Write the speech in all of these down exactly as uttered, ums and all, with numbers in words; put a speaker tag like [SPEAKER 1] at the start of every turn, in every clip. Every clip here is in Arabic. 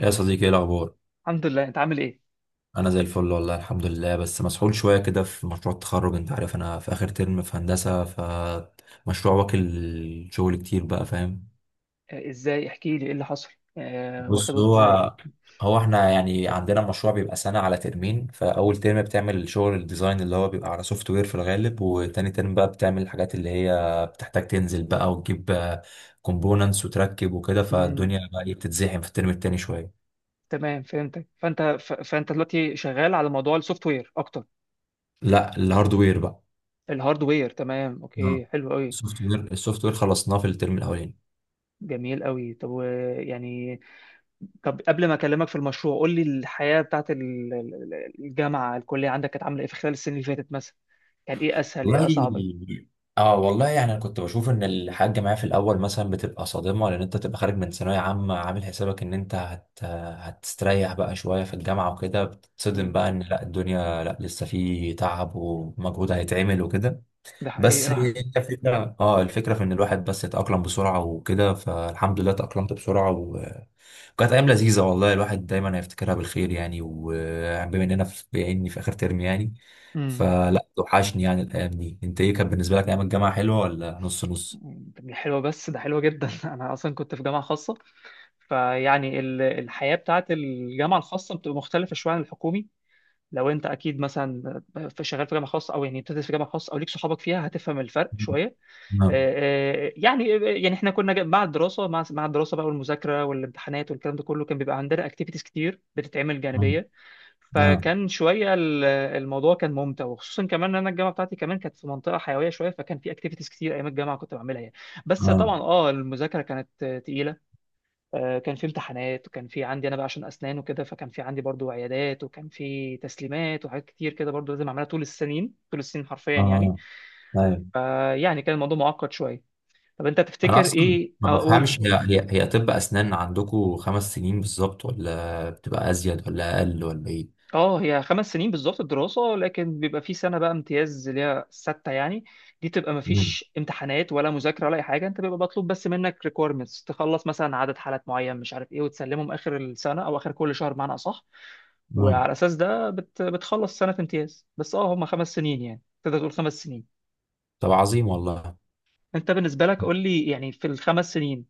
[SPEAKER 1] يا صديقي، ايه الاخبار؟
[SPEAKER 2] الحمد لله، انت عامل ايه؟
[SPEAKER 1] انا زي الفل والله الحمد لله، بس مسحول شويه كده في مشروع التخرج. انت عارف انا في اخر ترم في هندسه، فمشروع واكل شغل كتير، بقى فاهم؟
[SPEAKER 2] آه، ازاي؟ احكي لي ايه اللي حصل؟ آه، واخد
[SPEAKER 1] بص،
[SPEAKER 2] وقت
[SPEAKER 1] هو
[SPEAKER 2] ازاي؟
[SPEAKER 1] هو احنا يعني عندنا مشروع بيبقى سنه على ترمين، فاول ترم بتعمل شغل الديزاين اللي هو بيبقى على سوفت وير في الغالب، وتاني ترم بقى بتعمل الحاجات اللي هي بتحتاج تنزل بقى وتجيب كومبوننتس وتركب وكده.
[SPEAKER 2] امم.
[SPEAKER 1] فالدنيا بقى إيه بتتزحم في الترم التاني شويه.
[SPEAKER 2] تمام، فهمتك. فانت ف... فانت دلوقتي شغال على موضوع السوفت وير اكتر؟
[SPEAKER 1] لا، الهاردوير بقى.
[SPEAKER 2] الهاردوير، تمام، اوكي،
[SPEAKER 1] اه،
[SPEAKER 2] حلو قوي.
[SPEAKER 1] السوفت وير السوفت وير خلصناه في الترم الاولاني.
[SPEAKER 2] جميل قوي. طب و- يعني، طب، قبل ما اكلمك في المشروع قول لي الحياة بتاعت ال- ال- الجامعة الكلية عندك كانت عاملة ايه في خلال السنين اللي فاتت مثلا؟ كان ايه اسهل، ايه اصعب؟
[SPEAKER 1] والله اه والله يعني انا كنت بشوف ان الحاجه معايا في الاول مثلا بتبقى صادمه، لان انت تبقى خارج من ثانويه عامه عامل حسابك ان انت هت... هتستريح بقى شويه في الجامعه وكده. بتتصدم
[SPEAKER 2] مم.
[SPEAKER 1] بقى ان لا الدنيا، لا لسه في تعب ومجهود هيتعمل وكده.
[SPEAKER 2] ده
[SPEAKER 1] بس
[SPEAKER 2] حقيقة.
[SPEAKER 1] الفكره اه الفكره في ان الواحد بس يتاقلم بسرعه وكده، فالحمد لله تاقلمت بسرعه. كانت ايام لذيذه والله، الواحد دايما هيفتكرها بالخير يعني، وبما اننا في بما اني في اخر ترم يعني،
[SPEAKER 2] امم.
[SPEAKER 1] فلا توحشني يعني الايام دي. انت ايه، كانت بالنسبه لك ايام الجامعه حلوه ولا نص نص؟
[SPEAKER 2] مم، حلوة، بس ده حلوة جدا أنا أصلا كنت في جامعة خاصة. فيعني ال- الحياة بتاعت الجامعة الخاصة بتبقى مختلفة شوية عن الحكومي. لو أنت أكيد مثلا في شغال في جامعة خاصة، أو يعني بتدرس في جامعة خاصة، أو ليك صحابك فيها، هتفهم الفرق شوية.
[SPEAKER 1] اه.
[SPEAKER 2] آه. آه، يعني يعني إحنا كنا جا- مع الدراسة، مع مع الدراسة بقى، والمذاكرة والامتحانات والكلام ده كله، كان بيبقى عندنا أكتيفيتيز كتير بتتعمل جانبية.
[SPEAKER 1] اه.
[SPEAKER 2] فكان شويه ال- الموضوع كان ممتع، وخصوصا كمان ان انا الجامعه بتاعتي كمان كانت في منطقه حيويه شويه، فكان في اكتيفيتيز كتير ايام الجامعه كنت بعملها يعني. بس
[SPEAKER 1] اه.
[SPEAKER 2] طبعا اه المذاكره كانت آه، تقيله. آه، كان في امتحانات، وكان في عندي انا بقى عشان اسنان وكده، فكان في عندي برضو عيادات، وكان في تسليمات وحاجات كتير كده برضو لازم اعملها طول السنين، طول السنين حرفيا يعني.
[SPEAKER 1] اه. ايوه.
[SPEAKER 2] فيعني كان الموضوع معقد شويه. طب انت
[SPEAKER 1] انا
[SPEAKER 2] تفتكر
[SPEAKER 1] اصلا
[SPEAKER 2] ايه،
[SPEAKER 1] ما بفهمش.
[SPEAKER 2] اقول.
[SPEAKER 1] هي هي, هي طب اسنان عندكم خمس سنين بالظبط، ولا بتبقى ازيد ولا اقل ولا ايه؟
[SPEAKER 2] اه، هي خمس سنين بالظبط الدراسة، لكن بيبقى في سنة بقى امتياز اللي هي ستة يعني. دي تبقى
[SPEAKER 1] مم.
[SPEAKER 2] مفيش امتحانات ولا مذاكرة ولا أي حاجة، أنت بيبقى مطلوب بس منك requirements تخلص مثلا عدد حالات معين، مش عارف إيه، وتسلمهم آخر السنة أو آخر كل شهر بمعنى أصح.
[SPEAKER 1] مم.
[SPEAKER 2] وعلى أساس ده بت... بتخلص سنة امتياز، بس اه هما خمس سنين، يعني تقدر تقول خمس سنين.
[SPEAKER 1] طب عظيم والله.
[SPEAKER 2] أنت بالنسبة لك قول لي يعني، في الخمس سنين،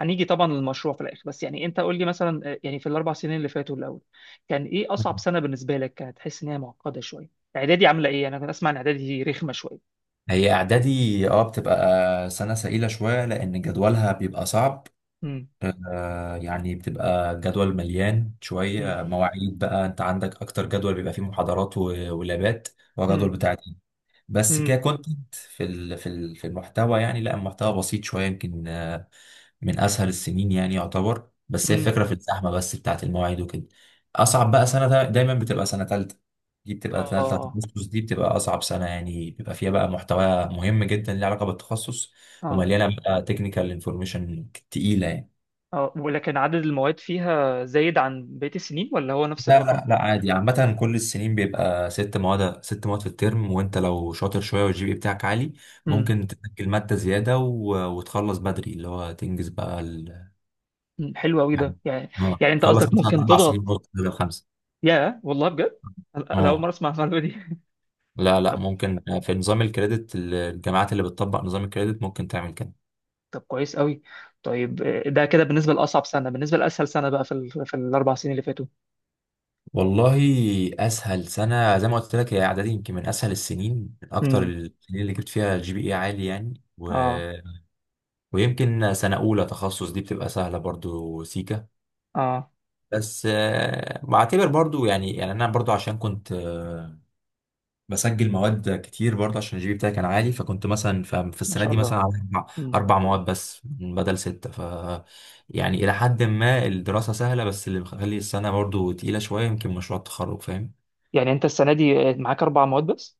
[SPEAKER 2] هنيجي طبعا للمشروع في الاخر، بس يعني انت قول لي مثلا، آه، يعني في الاربع سنين اللي فاتوا الاول، كان ايه اصعب
[SPEAKER 1] مم.
[SPEAKER 2] سنه بالنسبه لك، كانت تحس ان هي معقده شويه؟ اعدادي عامله ايه؟ انا كنت اسمع ان اعدادي رخمه شويه.
[SPEAKER 1] هي اعدادي اه بتبقى سنه سئيله شويه لان جدولها بيبقى صعب.
[SPEAKER 2] امم.
[SPEAKER 1] آه، يعني بتبقى جدول مليان
[SPEAKER 2] امم.
[SPEAKER 1] شوية، آه، مواعيد. بقى انت عندك اكتر جدول بيبقى فيه محاضرات و- ولابات، وجدول
[SPEAKER 2] امم.
[SPEAKER 1] بتاع دين. بس
[SPEAKER 2] امم.
[SPEAKER 1] ككونتنت في ال في ال في المحتوى يعني، لا المحتوى بسيط شوية يمكن، آه، من اسهل السنين يعني يعتبر، بس هي
[SPEAKER 2] أمم.
[SPEAKER 1] الفكرة في الزحمة بس بتاعت المواعيد وكده. اصعب بقى سنة دا- دايما بتبقى سنة تالتة، دي بتبقى سنة بتاعت
[SPEAKER 2] اه،
[SPEAKER 1] التخصص، دي بتبقى أصعب سنة يعني. بيبقى فيها بقى محتوى مهم جدا ليه علاقة بالتخصص،
[SPEAKER 2] اه،
[SPEAKER 1] ومليانة بقى تكنيكال انفورميشن تقيلة يعني.
[SPEAKER 2] اه، ولكن عدد المواد فيها زايد عن بقيه السنين، ولا هو نفس
[SPEAKER 1] لا،
[SPEAKER 2] الرقم؟
[SPEAKER 1] لا، لا، عادي عامة كل السنين بيبقى ست مواد، ست مواد في الترم. وانت لو شاطر شوية والجي بي بتاعك عالي،
[SPEAKER 2] امم.
[SPEAKER 1] ممكن تسجل مادة زيادة و... وتخلص بدري، اللي هو تنجز بقى ال...
[SPEAKER 2] أمم. حلو قوي
[SPEAKER 1] يعني
[SPEAKER 2] ده يعني.
[SPEAKER 1] اه
[SPEAKER 2] يعني انت
[SPEAKER 1] تخلص
[SPEAKER 2] قصدك
[SPEAKER 1] مثلا
[SPEAKER 2] ممكن
[SPEAKER 1] أربع سنين
[SPEAKER 2] تضغط؟
[SPEAKER 1] ونص بدل خمسة.
[SPEAKER 2] يا والله، بجد، انا أنا اول مره
[SPEAKER 1] اه،
[SPEAKER 2] اسمع المعلومه دي
[SPEAKER 1] لا، لا.
[SPEAKER 2] طب
[SPEAKER 1] ممكن في نظام الكريدت، الجامعات اللي بتطبق نظام الكريدت ممكن تعمل كده.
[SPEAKER 2] طب كويس قوي. طيب، آه، ده كده بالنسبه لاصعب سنه. بالنسبه لاسهل سنه بقى في ال... في الاربع سنين اللي فاتوا؟
[SPEAKER 1] والله، اسهل سنه زي ما قلت لك هي اعدادي، يمكن من اسهل السنين، من اكتر
[SPEAKER 2] امم.
[SPEAKER 1] السنين اللي جبت فيها الجي بي اي عالي يعني. و
[SPEAKER 2] اه،
[SPEAKER 1] ويمكن سنة أولى تخصص دي بتبقى سهلة برضو سيكا،
[SPEAKER 2] اه،
[SPEAKER 1] بس آه، بعتبر برضو يعني يعني أنا برضو عشان كنت آه، بسجل مواد كتير برضو عشان الجي بي بتاعي كان عالي. فكنت مثلا ف- في
[SPEAKER 2] ما
[SPEAKER 1] السنة
[SPEAKER 2] شاء
[SPEAKER 1] دي مثلا
[SPEAKER 2] الله.
[SPEAKER 1] على أربع
[SPEAKER 2] امم.
[SPEAKER 1] أربع مواد بس بدل ستة، ف يعني إلى حد ما الدراسة سهلة، بس اللي مخلي السنة برضو تقيلة شوية يمكن مشروع التخرج، فاهم؟
[SPEAKER 2] يعني انت السنه دي آه، معاك اربع مواد بس؟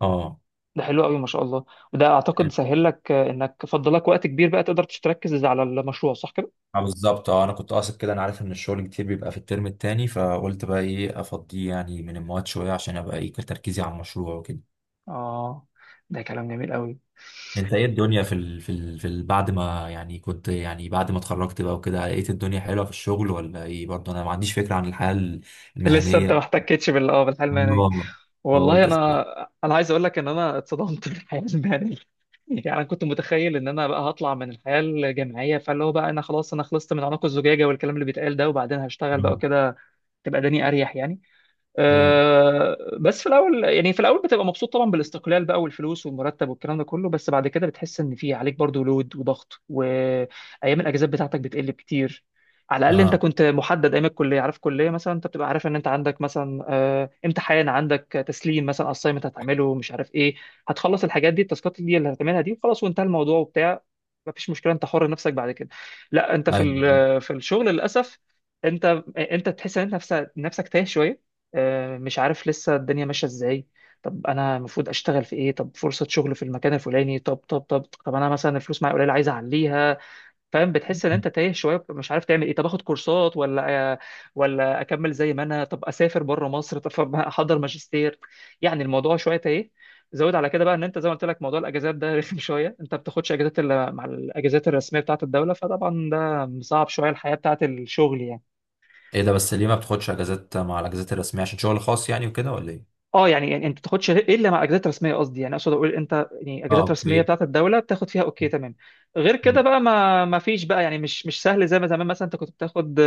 [SPEAKER 1] اه.
[SPEAKER 2] ده حلو قوي، ما شاء الله. وده اعتقد
[SPEAKER 1] يعني-
[SPEAKER 2] سهل لك، آه، انك فضلك وقت كبير بقى تقدر تركز على المشروع، صح كده؟
[SPEAKER 1] آه، بالظبط. اه انا كنت قاصد كده. انا عارف ان الشغل كتير بيبقى في الترم التاني، فقلت بقى ايه افضيه يعني من المواد شويه عشان ابقى ايه تركيزي على المشروع وكده.
[SPEAKER 2] اه، ده كلام جميل قوي.
[SPEAKER 1] انت ايه الدنيا في ال... في ال... في ال... بعد ما يعني كنت يعني بعد ما اتخرجت بقى وكده لقيت الدنيا حلوه في الشغل ولا ايه؟ برضه انا ما عنديش فكره عن الحياه
[SPEAKER 2] لسه انت ما
[SPEAKER 1] المهنيه.
[SPEAKER 2] احتكتش بال اه بالحلم.
[SPEAKER 1] والله.
[SPEAKER 2] والله،
[SPEAKER 1] فقلت اسكت.
[SPEAKER 2] انا انا عايز اقول لك ان انا اتصدمت في الحياه المهنيه. يعني انا كنت متخيل ان انا بقى هطلع من الحياه الجامعيه، فاللي هو بقى انا خلاص، انا خلصت من عنق الزجاجه والكلام اللي بيتقال ده، وبعدين هشتغل بقى
[SPEAKER 1] مم.
[SPEAKER 2] كده، تبقى دني اريح يعني.
[SPEAKER 1] مم.
[SPEAKER 2] آه، بس في الاول، يعني في الاول بتبقى مبسوط طبعا بالاستقلال بقى والفلوس والمرتب والكلام ده كله، بس بعد كده بتحس ان في عليك برضو لود وضغط، وايام الاجازات بتاعتك بتقل كتير. على الاقل انت
[SPEAKER 1] اه،
[SPEAKER 2] كنت محدد ايام الكليه، عارف كليه مثلا، انت بتبقى عارف ان انت عندك مثلا آه، امتحان، عندك تسليم مثلا، اسايمنت هتعمله، مش عارف ايه. هتخلص الحاجات دي، التاسكات دي اللي هتعملها دي، وخلاص، وانتهى الموضوع وبتاع. مفيش مشكله، انت حر نفسك بعد كده. لا، انت في
[SPEAKER 1] ايوه بالظبط.
[SPEAKER 2] ال- في الشغل للاسف. انت انت تحس ان انت نفسك، نفسك تايه شويه. آه، مش عارف لسه الدنيا ماشيه ازاي. طب انا المفروض اشتغل في ايه؟ طب فرصه شغل في المكان الفلاني؟ طب طب طب طب انا مثلا الفلوس معايا قليله عايز اعليها. فاهم؟ بتحس ان انت تايه شويه، مش عارف تعمل ايه، طب اخد كورسات ولا، ولا اكمل زي ما انا، طب اسافر بره مصر، طب احضر ماجستير. يعني الموضوع شويه تايه. زود على كده بقى ان انت، زي ما قلت لك، موضوع الاجازات ده رخم شويه، انت بتاخدش اجازات الا مع الاجازات الرسميه بتاعه الدوله، فطبعا ده صعب شويه الحياه بتاعه الشغل يعني.
[SPEAKER 1] ايه ده؟ بس ليه ما بتاخدش اجازات مع الاجازات الرسميه، عشان شغل خاص يعني وكده ولا ايه؟
[SPEAKER 2] اه، يعني يعني انت ما تاخدش غير- الا مع اجازات رسميه، قصدي يعني، اقصد اقول انت يعني
[SPEAKER 1] اه،
[SPEAKER 2] اجازات رسميه
[SPEAKER 1] اوكي.
[SPEAKER 2] بتاعت الدوله بتاخد فيها، اوكي تمام. غير كده
[SPEAKER 1] مم.
[SPEAKER 2] بقى، ما ما فيش بقى يعني، مش مش سهل زي ما زمان مثلا انت كنت بتاخد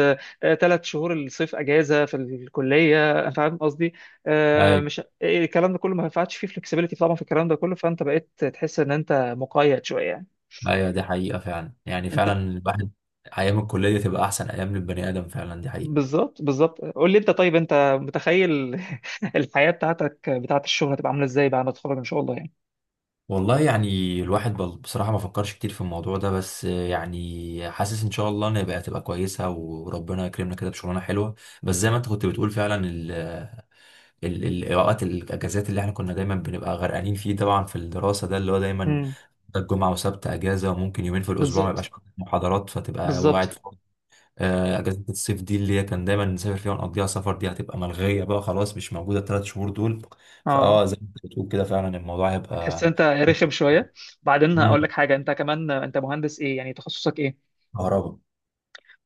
[SPEAKER 2] ثلاث شهور الصيف اجازه في الكليه، فاهم قصدي؟ آه،
[SPEAKER 1] ايوه،
[SPEAKER 2] مش إيه، الكلام ده كله ما ينفعش فيه فلكسبيليتي طبعا، في الكلام ده كله، فانت بقيت تحس ان انت مقيد شويه يعني.
[SPEAKER 1] ايوه دي حقيقه فعلا يعني، فعلا
[SPEAKER 2] انت،
[SPEAKER 1] الواحد ايام الكليه تبقى احسن ايام للبني ادم، فعلا دي حقيقه.
[SPEAKER 2] بالظبط، بالظبط، قول لي انت، طيب انت متخيل الحياه بتاعتك بتاعت الشغل هتبقى عامله ازاي بعد ما تتخرج ان شاء الله يعني؟
[SPEAKER 1] والله يعني الواحد بل- بصراحة ما فكرش كتير في الموضوع ده، بس يعني حاسس ان شاء الله ان هيبقى تبقى كويسة، وربنا يكرمنا كده بشغلانة حلوة. بس زي ما انت كنت بتقول فعلا ال ال ال- الاوقات، الاجازات اللي احنا كنا دايما بنبقى غرقانين فيه طبعا في الدراسة، ده اللي هو دايما
[SPEAKER 2] امم.
[SPEAKER 1] ده الجمعة وسبت اجازة، وممكن يومين في الاسبوع ما
[SPEAKER 2] بالظبط،
[SPEAKER 1] يبقاش عندك محاضرات فتبقى قاعد
[SPEAKER 2] بالظبط.
[SPEAKER 1] فاضي. آه، اجازة الصيف دي اللي هي كان دايما نسافر فيها ونقضيها سفر، دي هتبقى ملغية بقى خلاص، مش موجودة الثلاث شهور دول.
[SPEAKER 2] اه،
[SPEAKER 1] فاه، زي ما انت بتقول كده فعلا الموضوع
[SPEAKER 2] هتحس
[SPEAKER 1] هيبقى.
[SPEAKER 2] انت رخم شويه. بعدين هقول
[SPEAKER 1] مم.
[SPEAKER 2] لك حاجه، انت كمان، انت مهندس ايه يعني، تخصصك ايه؟
[SPEAKER 1] كهرباء.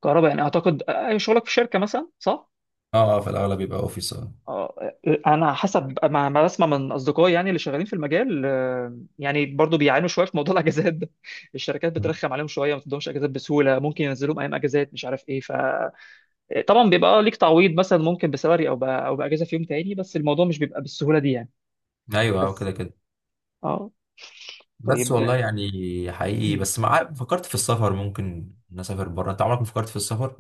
[SPEAKER 2] كهرباء، يعني اعتقد آه، شغلك في شركه مثلا، صح؟
[SPEAKER 1] اه، اه في الاغلب يبقى اوفيس. اه.
[SPEAKER 2] اه. آه، انا حسب ما ما بسمع من اصدقائي، يعني اللي شغالين في المجال، آه، يعني برضو بيعانوا شويه في موضوع الاجازات ده. الشركات
[SPEAKER 1] مم.
[SPEAKER 2] بترخم عليهم شويه، ما تدهمش اجازات بسهوله، ممكن ينزلوهم ايام اجازات، مش عارف ايه، فطبعا بيبقى آه، ليك تعويض، مثلا ممكن بسالري، او ب... او باجازه في يوم تاني، بس الموضوع مش بيبقى بالسهوله دي يعني.
[SPEAKER 1] ايوه، اه
[SPEAKER 2] بس.
[SPEAKER 1] كده كده.
[SPEAKER 2] اه.
[SPEAKER 1] بس
[SPEAKER 2] طيب.
[SPEAKER 1] والله يعني حقيقي، بس مع فكرت في السفر ممكن نسافر بره، انت عمرك ما فكرت في السفر؟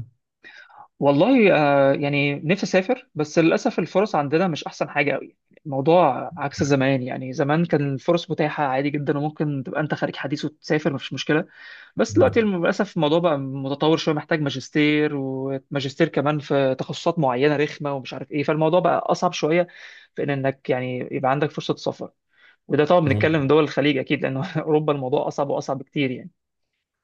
[SPEAKER 2] والله، آه، يعني نفسي اسافر، بس للاسف الفرص عندنا مش احسن حاجه قوي. الموضوع عكس زمان، يعني زمان كان الفرص متاحه عادي جدا، وممكن تبقى انت خارج حديث وتسافر مفيش مشكله. بس دلوقتي
[SPEAKER 1] مم.
[SPEAKER 2] الم- للاسف الموضوع بقى متطور شويه، محتاج ماجستير، وماجستير كمان في تخصصات معينه رخمه، ومش عارف ايه، فالموضوع بقى اصعب شويه في ان انك يعني يبقى عندك فرصه سفر. وده طبعا
[SPEAKER 1] مم.
[SPEAKER 2] بنتكلم دول الخليج اكيد، لان اوروبا الموضوع اصعب واصعب بكتير يعني.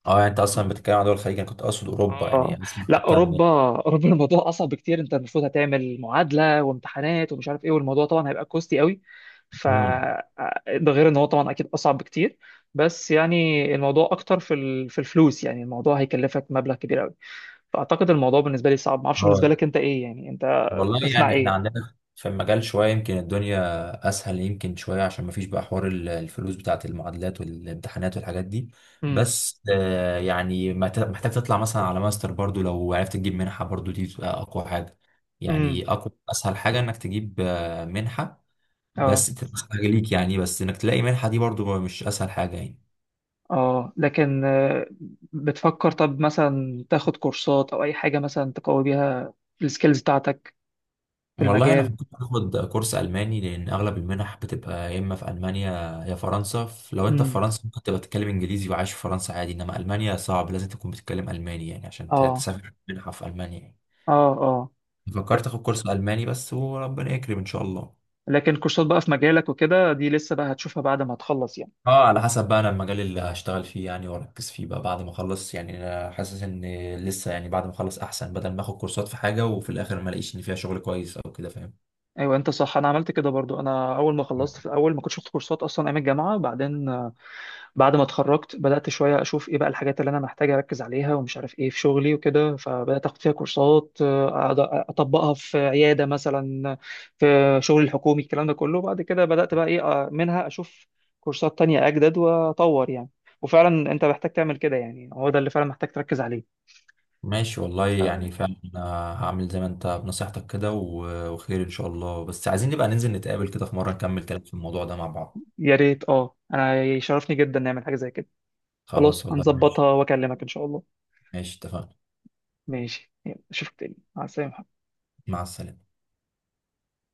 [SPEAKER 1] اه يعني، انت اصلا بتتكلم عن دول الخليج، انا كنت اقصد اوروبا
[SPEAKER 2] اه،
[SPEAKER 1] يعني، اسمع
[SPEAKER 2] لا،
[SPEAKER 1] حتى ان.
[SPEAKER 2] اوروبا، اوروبا الموضوع اصعب بكتير، انت المفروض هتعمل معادله وامتحانات ومش عارف ايه، والموضوع طبعا هيبقى كوستي قوي. ف
[SPEAKER 1] مم.
[SPEAKER 2] آه، ده غير ان هو طبعا اكيد اصعب بكتير. بس يعني الموضوع اكتر في ال... في الفلوس، يعني الموضوع هيكلفك مبلغ كبير قوي. فاعتقد الموضوع بالنسبه لي صعب، ما اعرفش بالنسبه لك
[SPEAKER 1] اه
[SPEAKER 2] انت ايه يعني، انت
[SPEAKER 1] والله
[SPEAKER 2] تسمع
[SPEAKER 1] يعني احنا
[SPEAKER 2] ايه؟
[SPEAKER 1] عندنا في المجال شوية يمكن الدنيا أسهل، يمكن شوية عشان مفيش بقى حوار ال- الفلوس بتاعة المعادلات والامتحانات والحاجات دي.
[SPEAKER 2] امم.
[SPEAKER 1] بس آه، يعني محت- محتاج تطلع مثلا على ماستر برضو، لو عرفت تجيب منحة برضو دي بتبقى أقوى حاجة.
[SPEAKER 2] امم.
[SPEAKER 1] يعني أقوى أسهل حاجة إنك تجيب آه، منحة،
[SPEAKER 2] اه.
[SPEAKER 1] بس تبقى حاجة ليك يعني، بس إنك تلاقي منحة دي برضو مش أسهل حاجة يعني.
[SPEAKER 2] اه. لكن آه، بتفكر طب مثلا تاخد كورسات او اي حاجه مثلا تقوي بيها السكيلز بتاعتك في
[SPEAKER 1] والله انا
[SPEAKER 2] المجال؟
[SPEAKER 1] فكرت اخد كورس الماني، لان اغلب المنح بتبقى يا اما في المانيا يا فرنسا. ف- لو انت في
[SPEAKER 2] امم.
[SPEAKER 1] فرنسا ممكن تبقى تتكلم انجليزي وعايش في فرنسا عادي، انما المانيا صعب لازم تكون بتتكلم الماني يعني عشان ت-
[SPEAKER 2] اه.
[SPEAKER 1] تسافر منحه في المانيا يعني.
[SPEAKER 2] اه. اه.
[SPEAKER 1] فكرت اخد كورس الماني بس، وربنا يكرم ان شاء الله.
[SPEAKER 2] لكن كورسات بقى في مجالك وكده دي لسه بقى هتشوفها بعد ما تخلص يعني.
[SPEAKER 1] اه، على حسب بقى انا المجال اللي هشتغل فيه يعني واركز فيه بقى بعد ما اخلص يعني. انا حاسس ان لسه يعني بعد ما اخلص احسن، بدل ما اخد كورسات في حاجه وفي الاخر ما الاقيش ان فيها شغل كويس او كده، فاهم؟
[SPEAKER 2] ايوه، انت صح، انا عملت كده برضو. انا اول ما خلصت في الاول ما كنتش باخد كورسات اصلا ايام الجامعه، بعدين آه، بعد ما اتخرجت بدات شويه اشوف ايه بقى الحاجات اللي انا محتاج اركز عليها ومش عارف ايه في شغلي وكده، فبدات اخد فيها كورسات، آه، أقعد اطبقها في عياده مثلا، في شغل الحكومي الكلام ده كله، بعد كده بدات بقى ايه آه، منها اشوف كورسات تانية اجدد واطور يعني. وفعلا انت محتاج تعمل كده يعني، هو ده اللي فعلا محتاج تركز عليه.
[SPEAKER 1] ماشي والله يعني ماشي. فعلا، آه، هعمل زي ما انت بنصيحتك كده و- وخير ان شاء الله. بس عايزين نبقى ننزل نتقابل كده في مرة، نكمل كلام في الموضوع ده مع بعض.
[SPEAKER 2] يا ريت، اه، انا يشرفني جدا نعمل حاجة زي كده.
[SPEAKER 1] خلاص
[SPEAKER 2] خلاص،
[SPEAKER 1] والله، ماشي.
[SPEAKER 2] هنظبطها واكلمك ان شاء الله.
[SPEAKER 1] ماشي اتفقنا.
[SPEAKER 2] ماشي، يلا، اشوفك تاني، مع السلامة.
[SPEAKER 1] مع السلامة.